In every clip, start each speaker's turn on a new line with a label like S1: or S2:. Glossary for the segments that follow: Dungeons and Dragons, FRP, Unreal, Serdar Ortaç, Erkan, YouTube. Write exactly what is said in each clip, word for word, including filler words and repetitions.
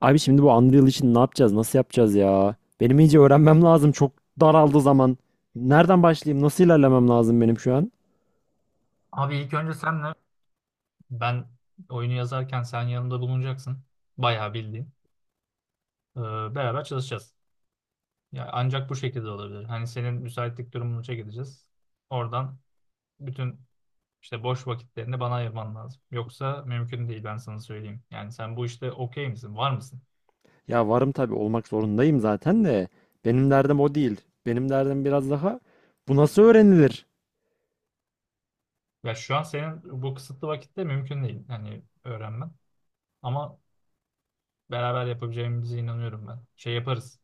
S1: Abi şimdi bu Unreal için ne yapacağız? Nasıl yapacağız ya? Benim iyice öğrenmem lazım. Çok daraldı zaman. Nereden başlayayım? Nasıl ilerlemem lazım benim şu an?
S2: Abi ilk önce senle ben oyunu yazarken sen yanımda bulunacaksın. Bayağı bildiğin. Ee, Beraber çalışacağız. Ya ancak bu şekilde olabilir. Hani senin müsaitlik durumunu çekeceğiz. Oradan bütün işte boş vakitlerini bana ayırman lazım. Yoksa mümkün değil ben sana söyleyeyim. Yani sen bu işte okey misin? Var mısın?
S1: Ya varım tabii, olmak zorundayım zaten de benim derdim o değil. Benim derdim biraz daha bu nasıl öğrenilir?
S2: Ya şu an senin bu kısıtlı vakitte mümkün değil. Hani öğrenmen. Ama beraber yapabileceğimize inanıyorum ben. Şey yaparız.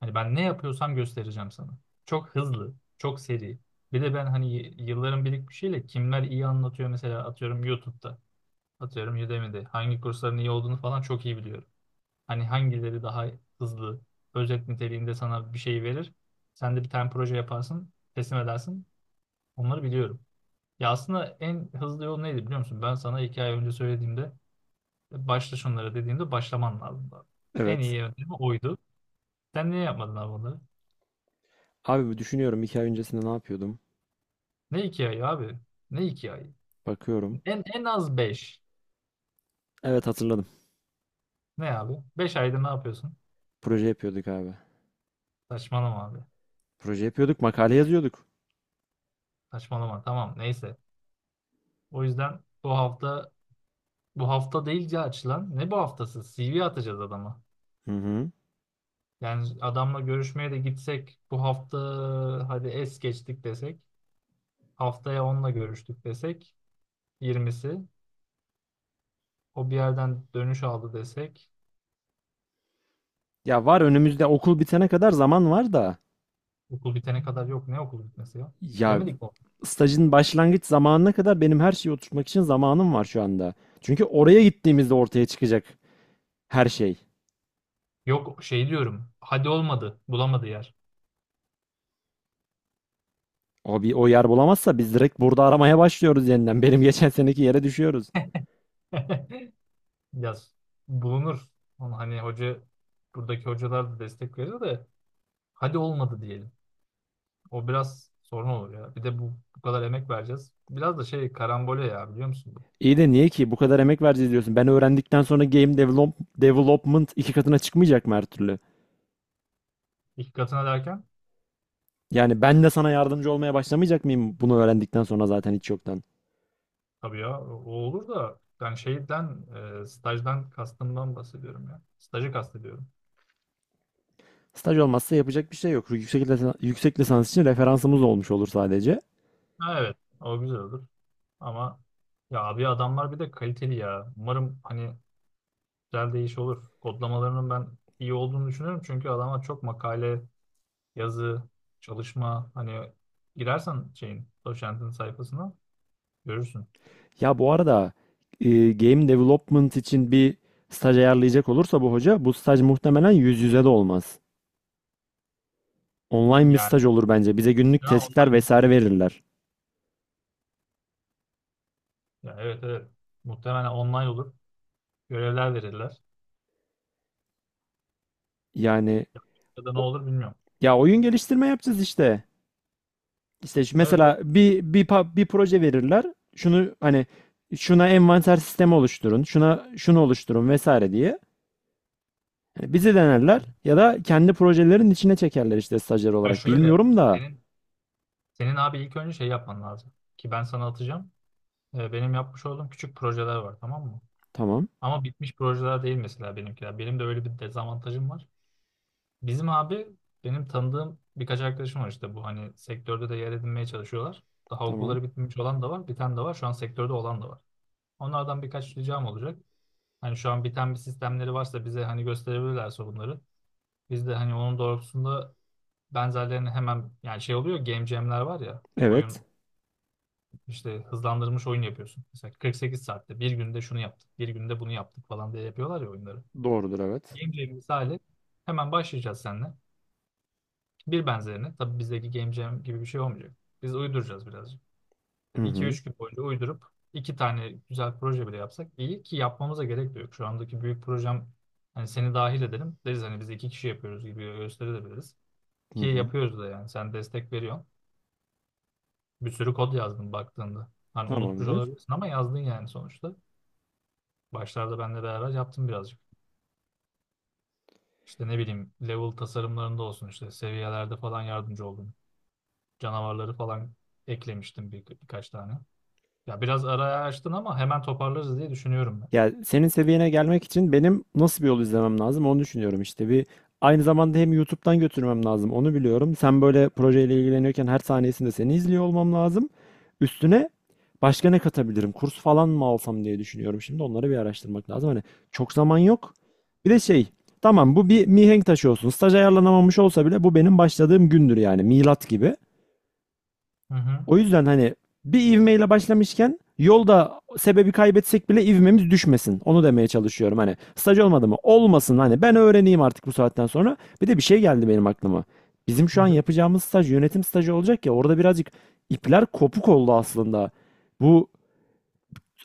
S2: Hani ben ne yapıyorsam göstereceğim sana. Çok hızlı, çok seri. Bir de ben hani y- yılların birikmişiyle kimler iyi anlatıyor mesela atıyorum YouTube'da, atıyorum Udemy'de hangi kursların iyi olduğunu falan çok iyi biliyorum. Hani hangileri daha hızlı, özet niteliğinde sana bir şey verir. Sen de bir tane proje yaparsın, teslim edersin. Onları biliyorum. Ya aslında en hızlı yol neydi biliyor musun? Ben sana iki ay önce söylediğimde başla şunlara dediğimde başlaman lazım. En
S1: Evet.
S2: iyi yöntemi oydu. Sen niye yapmadın abi bunları?
S1: Abi bu düşünüyorum, iki ay öncesinde ne yapıyordum?
S2: Ne iki ayı abi? Ne iki ay?
S1: Bakıyorum.
S2: En, en az beş.
S1: Evet, hatırladım.
S2: Ne abi? Beş ayda ne yapıyorsun?
S1: Proje yapıyorduk abi.
S2: Saçmalama abi.
S1: Proje yapıyorduk, makale yazıyorduk.
S2: Saçmalama tamam neyse. O yüzden bu hafta, bu hafta değil ya açılan. Ne bu haftası? C V atacağız adama.
S1: Hı hı.
S2: Yani adamla görüşmeye de gitsek bu hafta hadi es geçtik desek. Haftaya onunla görüştük desek. Yirmisi. O bir yerden dönüş aldı desek.
S1: Ya var, önümüzde okul bitene kadar zaman var da.
S2: Okul bitene kadar yok. Ne okul bitmesi ya?
S1: Ya
S2: Demedik mi?
S1: stajın başlangıç zamanına kadar benim her şeyi oturtmak için zamanım var şu anda. Çünkü oraya gittiğimizde ortaya çıkacak her şey.
S2: Yok şey diyorum. Hadi olmadı. Bulamadı yer.
S1: O bir, o yer bulamazsa biz direkt burada aramaya başlıyoruz yeniden. Benim geçen seneki yere düşüyoruz.
S2: Ya bulunur. Onu hani hoca buradaki hocalar da destek verir de hadi olmadı diyelim. O biraz sorun olur ya. Bir de bu, bu kadar emek vereceğiz. Biraz da şey karambole ya biliyor musun bu?
S1: İyi de niye ki bu kadar emek vereceğiz diyorsun. Ben öğrendikten sonra game develop, development iki katına çıkmayacak mı her türlü?
S2: İki katına derken
S1: Yani ben de sana yardımcı olmaya başlamayacak mıyım bunu öğrendikten sonra zaten hiç yoktan?
S2: tabii ya o o olur da ben şeyden e, stajdan kastımdan bahsediyorum ya. Stajı kastediyorum.
S1: Staj olmazsa yapacak bir şey yok. Yüksek, lisa- yüksek lisans için referansımız olmuş olur sadece.
S2: Ha, evet o güzel olur ama ya abi adamlar bir de kaliteli ya. Umarım hani güzel değiş olur. Kodlamalarının ben iyi olduğunu düşünüyorum çünkü adamlar çok makale yazı, çalışma hani girersen şeyin doçentin sayfasına görürsün.
S1: Ya bu arada e, game development için bir staj ayarlayacak olursa bu hoca, bu staj muhtemelen yüz yüze de olmaz. Online bir staj
S2: Yani
S1: olur bence. Bize günlük
S2: ha,
S1: testler
S2: online de
S1: vesaire
S2: tabii.
S1: verirler.
S2: Ya evet evet. Muhtemelen online olur. Görevler verirler.
S1: Yani
S2: Ya da ne
S1: o-
S2: olur bilmiyorum.
S1: ya oyun geliştirme yapacağız işte. İşte şu-
S2: Evet evet.
S1: mesela bir bir pa- bir proje verirler. Şunu hani şuna envanter sistemi oluşturun, şuna şunu oluşturun vesaire diye. Yani bizi denerler ya da kendi projelerin içine çekerler işte stajyer
S2: Ya
S1: olarak.
S2: şöyle
S1: Bilmiyorum da.
S2: senin senin abi ilk önce şey yapman lazım. Ki ben sana atacağım. Ee, benim yapmış olduğum küçük projeler var tamam mı?
S1: Tamam,
S2: Ama bitmiş projeler değil mesela benimkiler. Benim de öyle bir dezavantajım var. Bizim abi benim tanıdığım birkaç arkadaşım var işte bu hani sektörde de yer edinmeye çalışıyorlar. Daha
S1: tamam.
S2: okulları bitmemiş olan da var, biten de var. Şu an sektörde olan da var. Onlardan birkaç ricam olacak. Hani şu an biten bir sistemleri varsa bize hani gösterebilirlerse bunları. Biz de hani onun doğrultusunda benzerlerini hemen yani şey oluyor game jam'ler var ya
S1: Evet.
S2: oyun işte hızlandırılmış oyun yapıyorsun. Mesela kırk sekiz saatte bir günde şunu yaptık, bir günde bunu yaptık falan diye yapıyorlar ya oyunları.
S1: Doğrudur, evet.
S2: Game jam misali hemen başlayacağız seninle. Bir benzerini. Tabii bizdeki game jam gibi bir şey olmayacak. Biz uyduracağız birazcık.
S1: Hı
S2: iki
S1: hı.
S2: üç gün boyunca uydurup iki tane güzel proje bile yapsak iyi ki yapmamıza gerek de yok. Şu andaki büyük projem hani seni dahil edelim. Deriz hani biz iki kişi yapıyoruz gibi gösterebiliriz.
S1: Hı
S2: Ki
S1: hı.
S2: yapıyoruz da yani. Sen destek veriyorsun. Bir sürü kod yazdın baktığında. Hani unutmuş
S1: Tamamdır.
S2: olabilirsin ama yazdın yani sonuçta. Başlarda benle beraber yaptım birazcık. İşte ne bileyim level tasarımlarında olsun işte seviyelerde falan yardımcı oldum. Canavarları falan eklemiştim bir, birkaç tane. Ya biraz araya açtın ama hemen toparlarız diye düşünüyorum ben.
S1: Ya senin seviyene gelmek için benim nasıl bir yol izlemem lazım onu düşünüyorum işte. Bir, aynı zamanda hem YouTube'dan götürmem lazım onu biliyorum. Sen böyle projeyle ilgileniyorken her saniyesinde seni izliyor olmam lazım. Üstüne başka ne katabilirim? Kurs falan mı alsam diye düşünüyorum. Şimdi onları bir araştırmak lazım. Hani çok zaman yok. Bir de şey, tamam, bu bir mihenk taşı olsun. Staj ayarlanamamış olsa bile bu benim başladığım gündür, yani milat gibi.
S2: Hı hı.
S1: O yüzden hani bir ivmeyle başlamışken yolda sebebi kaybetsek bile ivmemiz düşmesin. Onu demeye çalışıyorum. Hani staj olmadı mı? Olmasın. Hani ben öğreneyim artık bu saatten sonra. Bir de bir şey geldi benim aklıma. Bizim şu an
S2: Hı-hı.
S1: yapacağımız staj yönetim stajı olacak ya, orada birazcık ipler kopuk oldu aslında. Bu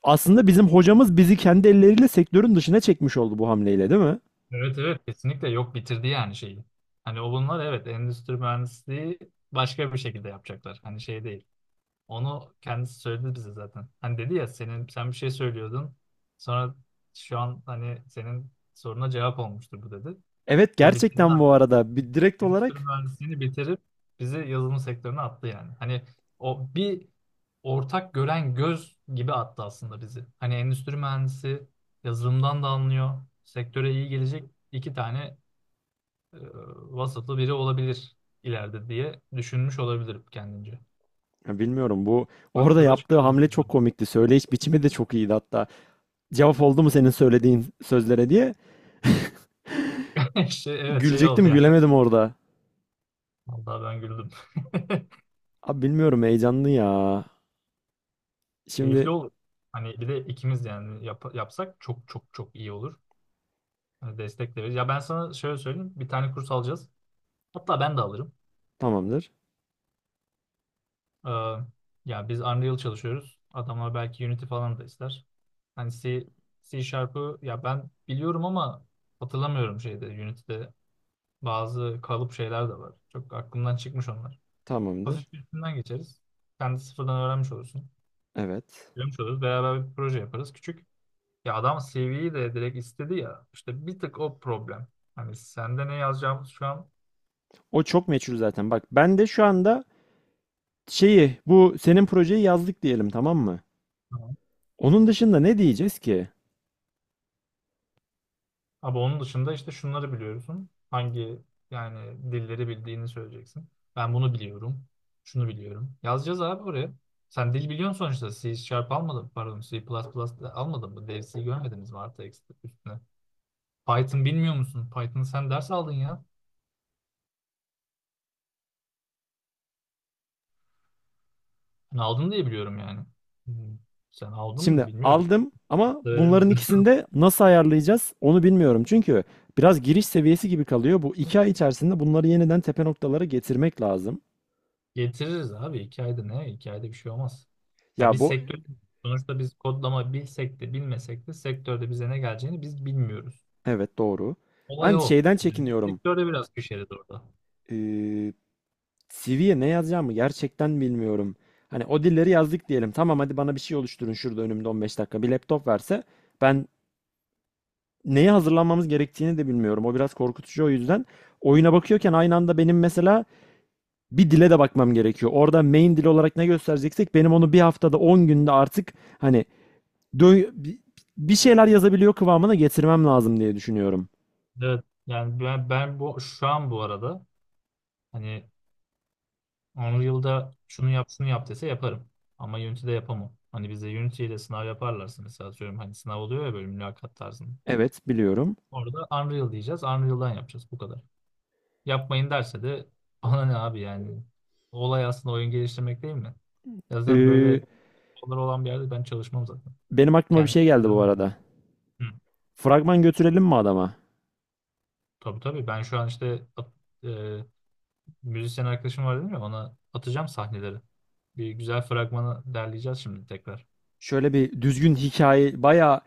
S1: aslında bizim hocamız bizi kendi elleriyle sektörün dışına çekmiş oldu bu hamleyle, değil mi?
S2: Evet evet kesinlikle yok bitirdi yani şeyi. Hani o bunlar evet endüstri mühendisliği başka bir şekilde yapacaklar. Hani şey değil. Onu kendisi söyledi bize zaten. Hani dedi ya senin sen bir şey söylüyordun. Sonra şu an hani senin soruna cevap olmuştur bu dedi.
S1: Evet,
S2: Ve bitirdi
S1: gerçekten bu arada bir direkt
S2: endüstri
S1: olarak,
S2: mühendisliğini bitirip bizi yazılım sektörüne attı yani. Hani o bir ortak gören göz gibi attı aslında bizi. Hani endüstri mühendisi yazılımdan da anlıyor. Sektöre iyi gelecek iki tane e, vasıflı biri olabilir ileride diye düşünmüş olabilirim kendince.
S1: ya bilmiyorum, bu orada
S2: Hakkı da
S1: yaptığı
S2: çıkarırız
S1: hamle çok
S2: bunları.
S1: komikti. Söyleyiş biçimi de çok iyiydi hatta. Cevap oldu mu senin söylediğin sözlere diye.
S2: Şey, evet şey oldu
S1: Gülecektim,
S2: yani.
S1: gülemedim orada.
S2: Vallahi ben güldüm.
S1: Abi bilmiyorum, heyecanlı ya. Şimdi
S2: Keyifli olur. Hani bir de ikimiz yani yap- yapsak çok çok çok iyi olur. Yani destek de veririz. Ya ben sana şöyle söyleyeyim. Bir tane kurs alacağız. Hatta ben de alırım.
S1: tamamdır.
S2: Ee, Ya biz Unreal çalışıyoruz. Adamlar belki Unity falan da ister. Hani C, C Sharp'ı ya ben biliyorum ama hatırlamıyorum şeyde Unity'de bazı kalıp şeyler de var. Çok aklımdan çıkmış onlar.
S1: Tamamdır.
S2: Hafif bir üstünden geçeriz. Sen de sıfırdan öğrenmiş olursun.
S1: Evet.
S2: Öğrenmiş oluruz. Beraber bir proje yaparız. Küçük. Ya adam C V'yi de direkt istedi ya. İşte bir tık o problem. Hani sende ne yazacağımız şu an.
S1: O çok meçhul zaten. Bak ben de şu anda şeyi, bu senin projeyi yazdık diyelim, tamam mı? Onun dışında ne diyeceğiz ki?
S2: Abi onun dışında işte şunları biliyorsun. Hangi yani dilleri bildiğini söyleyeceksin. Ben bunu biliyorum. Şunu biliyorum. Yazacağız abi buraya. Sen dil biliyorsun sonuçta. C Sharp almadın pardon C++ de almadın mı? Dev C görmediniz mi artı eksi üstüne? Python bilmiyor musun? Python sen ders aldın ya. Ben aldın diye biliyorum yani. Hmm. Sen aldın
S1: Şimdi
S2: mı bilmiyorum.
S1: aldım, ama
S2: Da veremedim.
S1: bunların ikisini de nasıl ayarlayacağız onu bilmiyorum. Çünkü biraz giriş seviyesi gibi kalıyor. Bu iki ay içerisinde bunları yeniden tepe noktalara getirmek lazım.
S2: Getiririz abi. iki ayda ne? İki ayda bir şey olmaz. Ya
S1: Ya
S2: biz
S1: bu,
S2: sektör sonuçta biz kodlama bilsek de bilmesek de sektörde bize ne geleceğini biz bilmiyoruz.
S1: evet, doğru.
S2: Olay
S1: Ben
S2: o.
S1: şeyden
S2: Yani biz
S1: çekiniyorum.
S2: sektörde biraz köşeliz orada.
S1: Eee C V'ye ne yazacağımı gerçekten bilmiyorum. Hani o dilleri yazdık diyelim. Tamam, hadi bana bir şey oluşturun şurada önümde on beş dakika. Bir laptop verse ben neye hazırlanmamız gerektiğini de bilmiyorum. O biraz korkutucu, o yüzden. Oyuna bakıyorken aynı anda benim mesela bir dile de bakmam gerekiyor. Orada main dil olarak ne göstereceksek benim onu bir haftada on günde artık hani dö- bi- bir şeyler yazabiliyor kıvamına getirmem lazım diye düşünüyorum.
S2: Evet. Yani ben, ben bu şu an bu arada hani Unreal'da şunu yap şunu yap dese yaparım. Ama Unity'de yapamam. Hani bize Unity ile sınav yaparlarsa mesela atıyorum hani sınav oluyor ya böyle mülakat tarzında.
S1: Evet, biliyorum.
S2: Orada Unreal diyeceğiz. Unreal'dan yapacağız. Bu kadar. Yapmayın derse de bana ne abi yani. Olay aslında oyun geliştirmek değil mi? Ya zaten
S1: Eee,
S2: böyle konular olan bir yerde ben çalışmam zaten.
S1: benim aklıma bir
S2: Kendim
S1: şey geldi bu
S2: devam ederim.
S1: arada.
S2: Hı.
S1: Fragman götürelim mi adama?
S2: Tabii tabii ben şu an işte at- e, müzisyen arkadaşım var dedim ya ona atacağım sahneleri. Bir güzel fragmanı derleyeceğiz şimdi tekrar.
S1: Şöyle bir düzgün hikaye, bayağı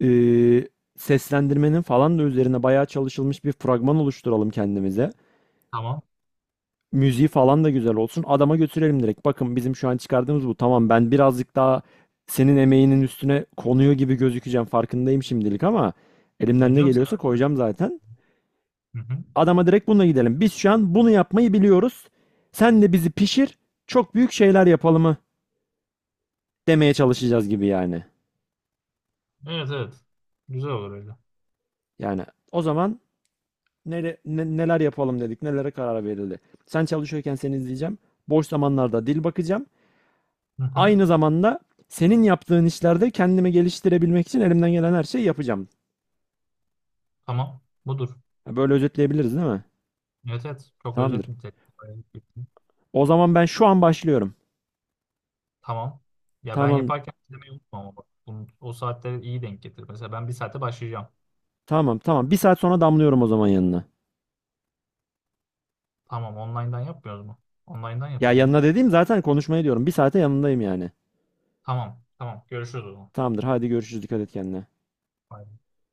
S1: eee, seslendirmenin falan da üzerine bayağı çalışılmış bir fragman oluşturalım kendimize.
S2: Tamam.
S1: Müziği falan da güzel olsun. Adama götürelim direkt. Bakın, bizim şu an çıkardığımız bu. Tamam, ben birazcık daha senin emeğinin üstüne konuyor gibi gözükeceğim. Farkındayım şimdilik ama
S2: Ay
S1: elimden ne
S2: canım sen
S1: geliyorsa
S2: araç
S1: koyacağım
S2: mısın?
S1: zaten.
S2: Hı hı.
S1: Adama direkt bununla gidelim. Biz şu an bunu yapmayı biliyoruz. Sen de bizi pişir. Çok büyük şeyler yapalım mı demeye çalışacağız gibi yani.
S2: Evet evet. Güzel olur öyle.
S1: Yani o zaman nere- ne- neler yapalım dedik, nelere karar verildi. Sen çalışıyorken seni izleyeceğim. Boş zamanlarda dil bakacağım.
S2: Hı hı.
S1: Aynı zamanda senin yaptığın işlerde kendimi geliştirebilmek için elimden gelen her şeyi yapacağım.
S2: Tamam. Budur.
S1: Ha, böyle özetleyebiliriz, değil mi?
S2: Evet evet. Çok özet
S1: Tamamdır.
S2: nitelikli.
S1: O zaman ben şu an başlıyorum.
S2: Tamam. Ya ben
S1: Tamam,
S2: yaparken izlemeyi unutma ama bak. Bunu, o saatleri iyi denk getir. Mesela ben bir saate başlayacağım.
S1: tamam, tamam. Bir saat sonra damlıyorum o zaman yanına.
S2: Tamam online'dan yapmıyoruz mu? Online'dan
S1: Ya
S2: yapalım ya.
S1: yanına dediğim zaten konuşmaya diyorum. Bir saate yanındayım yani.
S2: Tamam. Tamam. Görüşürüz o zaman.
S1: Tamamdır. Hadi görüşürüz. Dikkat et kendine.
S2: Bye.